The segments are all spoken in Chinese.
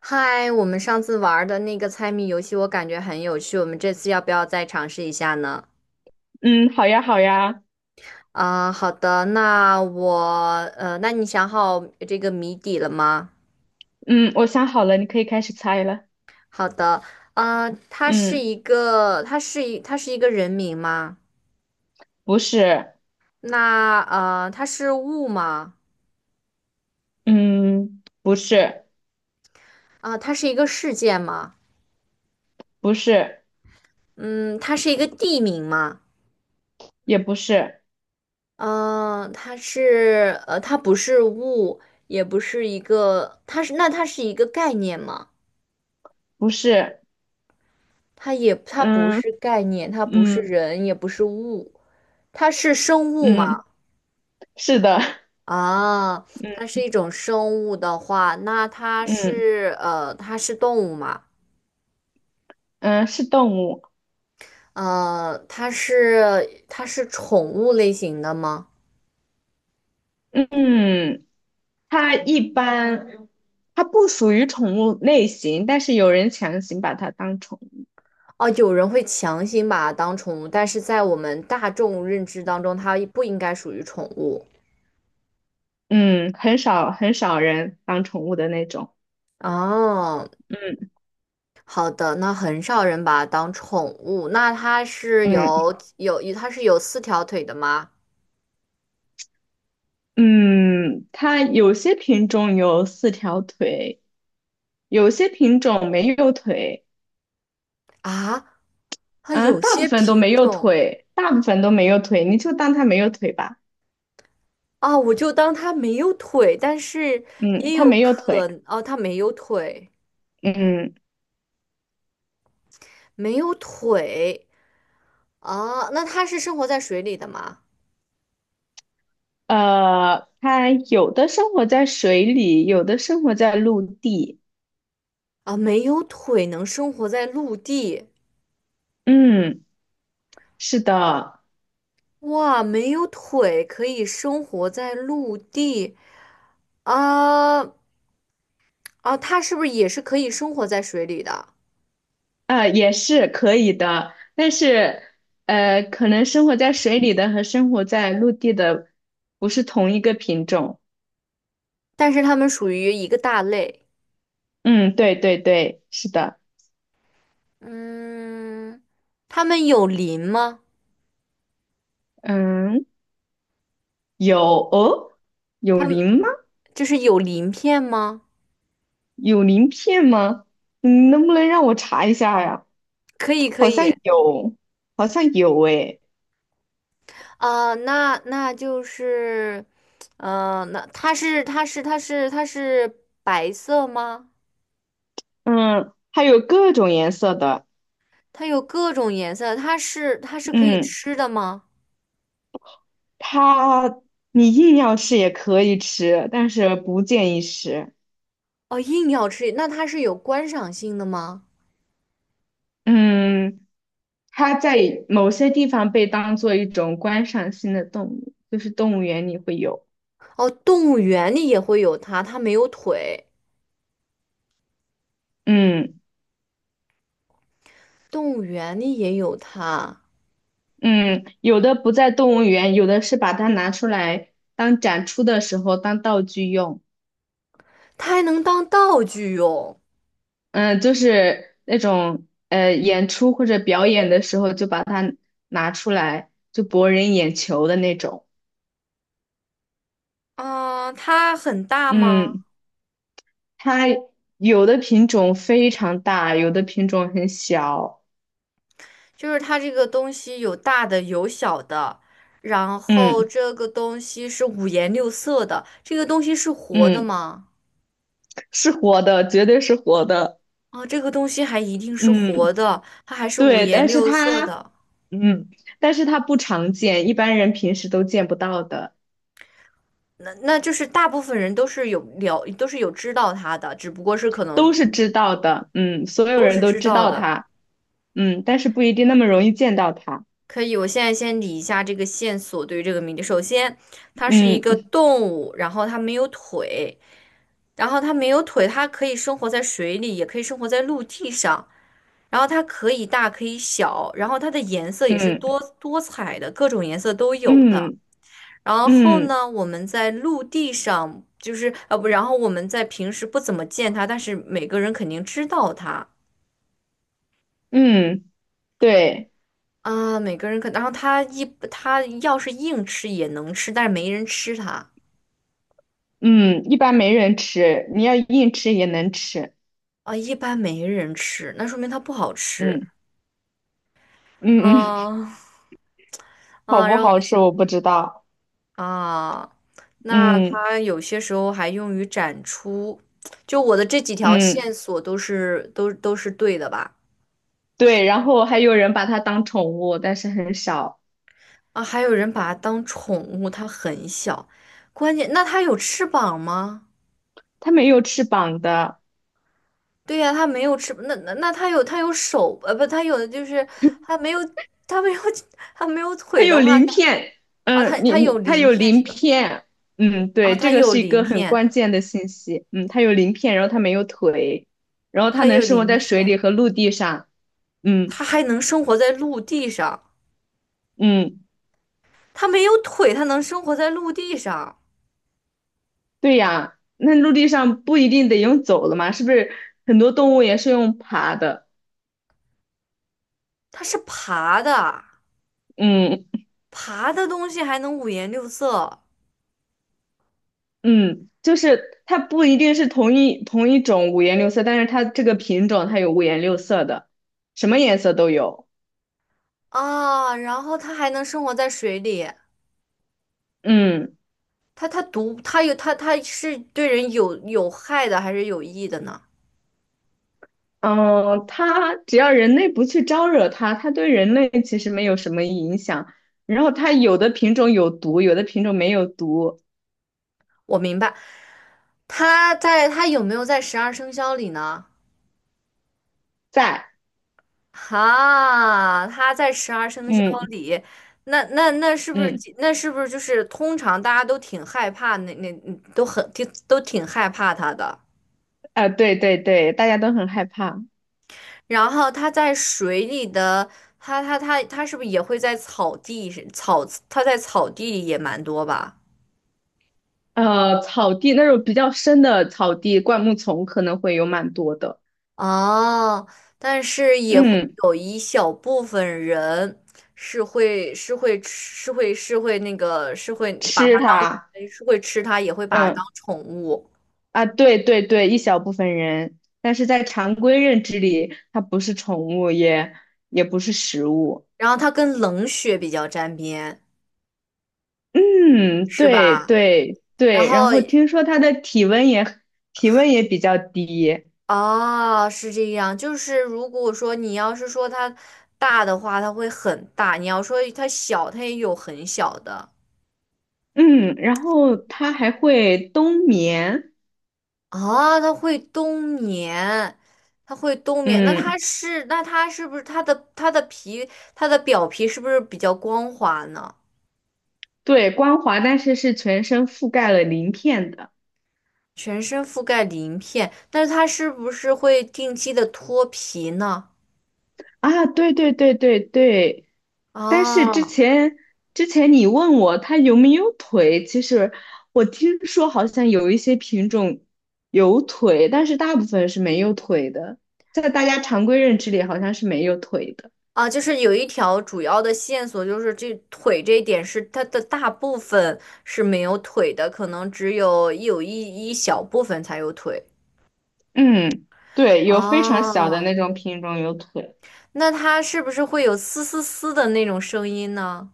嗨，我们上次玩的那个猜谜游戏，我感觉很有趣，我们这次要不要再尝试一下呢？嗯，好呀，好呀，啊、好的，那我那你想好这个谜底了吗？嗯，我想好了，你可以开始猜了。好的，嗯，它是一个人名吗？不是，那它是物吗？嗯，不是，啊、它是一个事件吗？不是，嗯，它是一个地名吗？也不是，它不是物，也不是一个，它是那它是一个概念吗？不是，它不嗯是概念，它不是嗯人，也不是物，它是生物吗？嗯，是的，啊，它 嗯是一种生物的话，那嗯它是动物吗？嗯，是动物，它是宠物类型的吗？嗯，它一般，它不属于宠物类型，但是有人强行把它当宠物，哦，有人会强行把它当宠物，但是在我们大众认知当中，它不应该属于宠物。嗯，很少很少人当宠物的那种，哦，嗯好的，那很少人把它当宠物。那嗯。它是有四条腿的吗？嗯，它有些品种有四条腿，有些品种没有腿，啊，它啊，有大部些分都没品有种。腿，大部分都没有腿，你就当它没有腿吧。啊，我就当它没有腿，但是嗯，也它有没有可腿。哦，它没有腿，嗯，没有腿。啊，那它是生活在水里的吗？它有的生活在水里，有的生活在陆地。啊，没有腿能生活在陆地，嗯，是的，哇，没有腿可以生活在陆地。啊。啊，它是不是也是可以生活在水里的？啊，也是可以的，但是，可能生活在水里的和生活在陆地的不是同一个品种。但是它们属于一个大类。嗯，对对对，是的。嗯，它们有鳞吗？嗯，有哦，有它们。鳞吗？就是有鳞片吗？有鳞片吗？你能不能让我查一下呀？可以，可好像以。有，好像有诶。啊、那那就是，那它是白色吗？嗯，还有各种颜色的。它有各种颜色，它是可以嗯，吃的吗？它你硬要吃也可以吃，但是不建议吃。哦，硬要吃，那它是有观赏性的吗？嗯，它在某些地方被当做一种观赏性的动物，就是动物园里会有。哦，动物园里也会有它，它没有腿，嗯。动物园里也有它，嗯，有的不在动物园，有的是把它拿出来当展出的时候当道具用。它还能当道具用。嗯，就是那种演出或者表演的时候就把它拿出来，就博人眼球的那种。啊、它很大吗？嗯，它有的品种非常大，有的品种很小。就是它这个东西有大的有小的，然后嗯这个东西是五颜六色的，这个东西是活的嗯，吗？是活的，绝对是活的。啊，这个东西还一定是活嗯，的，它还是五对，颜六色的。嗯，但是它不常见，一般人平时都见不到的。那那就是大部分人都是有知道它的，只不过是可能都是知道的，嗯，所有都人是都知知道道的。它，嗯，但是不一定那么容易见到它，可以，我现在先理一下这个线索对于这个谜底。首先，它是一个嗯动物，然后它没有腿，然后它没有腿，它可以生活在水里，也可以生活在陆地上，然后它可以大可以小，然后它的颜色也是嗯多多彩的，各种颜色都有的。嗯然后嗯呢，我们在陆地上就是呃不，然后我们在平时不怎么见它，但是每个人肯定知道它。嗯，对，啊，每个人可，然后他一他要是硬吃也能吃，但是没人吃它。嗯，一般没人吃，你要硬吃也能吃，啊，一般没人吃，那说明它不好吃。嗯嗯嗯，啊 好啊，不让好我吃想。我不知道，啊，那嗯它有些时候还用于展出，就我的这几条嗯，线索都是对的吧？对，然后还有人把它当宠物，但是很少，啊，还有人把它当宠物，它很小，关键那它有翅膀吗？它没有翅膀的。对呀、他没有翅那那那他有的就是他没有他没有 他没有它腿的有话，那鳞片，啊，他嗯，他有它鳞有片鳞是吧？片，嗯，啊，对，这他个有是一鳞个很片，关键的信息，嗯，它有鳞片，然后它没有腿，然后它他能有生活鳞在水片，里和陆地上，嗯他还能生活在陆地上，嗯，他没有腿，他能生活在陆地上，对呀，那陆地上不一定得用走的嘛，是不是很多动物也是用爬的？它是爬的，嗯爬的东西还能五颜六色。嗯，就是它不一定是同一种五颜六色，但是它这个品种它有五颜六色的，什么颜色都有，啊，然后它还能生活在水里，嗯。它它毒，它有它它是对人有有害的还是有益的呢？嗯，它只要人类不去招惹它，它对人类其实没有什么影响。然后它有的品种有毒，有的品种没有毒，我明白。他有没有在十二生肖里呢？在，哈，他在十二生肖嗯里，那那那是不是嗯，那是不是就是通常大家都挺害怕他的。啊、对对对，大家都很害怕。然后他在水里的，他是不是也会在草地草他在草地里也蛮多吧？那种比较深的草地，灌木丛可能会有蛮多的。哦，但是也会嗯，有一小部分人是会是会吃是会是会那个是会把它吃它，是会吃它，也会把它当嗯宠物。啊，对对对，一小部分人，但是在常规认知里，它不是宠物，也也不是食物。然后它跟冷血比较沾边，嗯，是对吧？对然对，然后后听说它的体温也比较低，哦，是这样，就是如果说你要是说它大的话，它会很大；你要说它小，它也有很小的。嗯，然后它还会冬眠，啊，它会冬眠，它会冬眠。那它嗯，是，那它是不是它的它的皮，它的表皮是不是比较光滑呢？对，光滑，但是是全身覆盖了鳞片的全身覆盖鳞片，但是它是不是会定期的脱皮呢？啊，对对对对对，但是之啊。前之前你问我它有没有腿，其实我听说好像有一些品种有腿，但是大部分是没有腿的，在大家常规认知里好像是没有腿的。啊，就是有一条主要的线索，就是这腿这一点是它的大部分是没有腿的，可能只有一有一一小部分才有腿。嗯，对，有非常小的哦、那种品种有腿。那它是不是会有嘶嘶嘶的那种声音呢？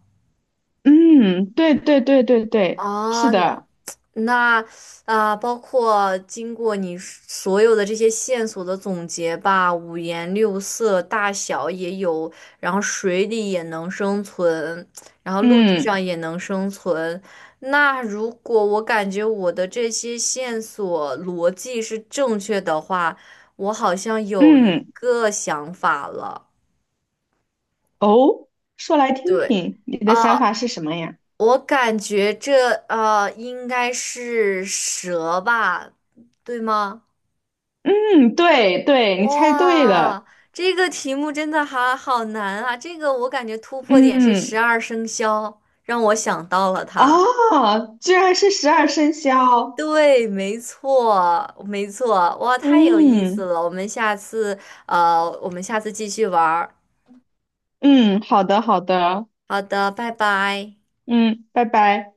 嗯，对对对对对，是啊，的。那包括经过你所有的这些线索的总结吧，五颜六色，大小也有，然后水里也能生存，然后陆地嗯上也能生存。那如果我感觉我的这些线索逻辑是正确的话，我好像有一嗯，个想法了，哦，说来听对。听，你的想啊。法是什么呀？我感觉这应该是蛇吧，对吗？嗯，对对，你猜对了。哇，这个题目真的好好难啊！这个我感觉突破点是十嗯，二生肖，让我想到了它。哦，居然是十二生肖。对，没错，没错，哇，太有意思嗯了！我们下次我们下次继续玩儿。嗯，好的好的，好的，拜拜。嗯，拜拜。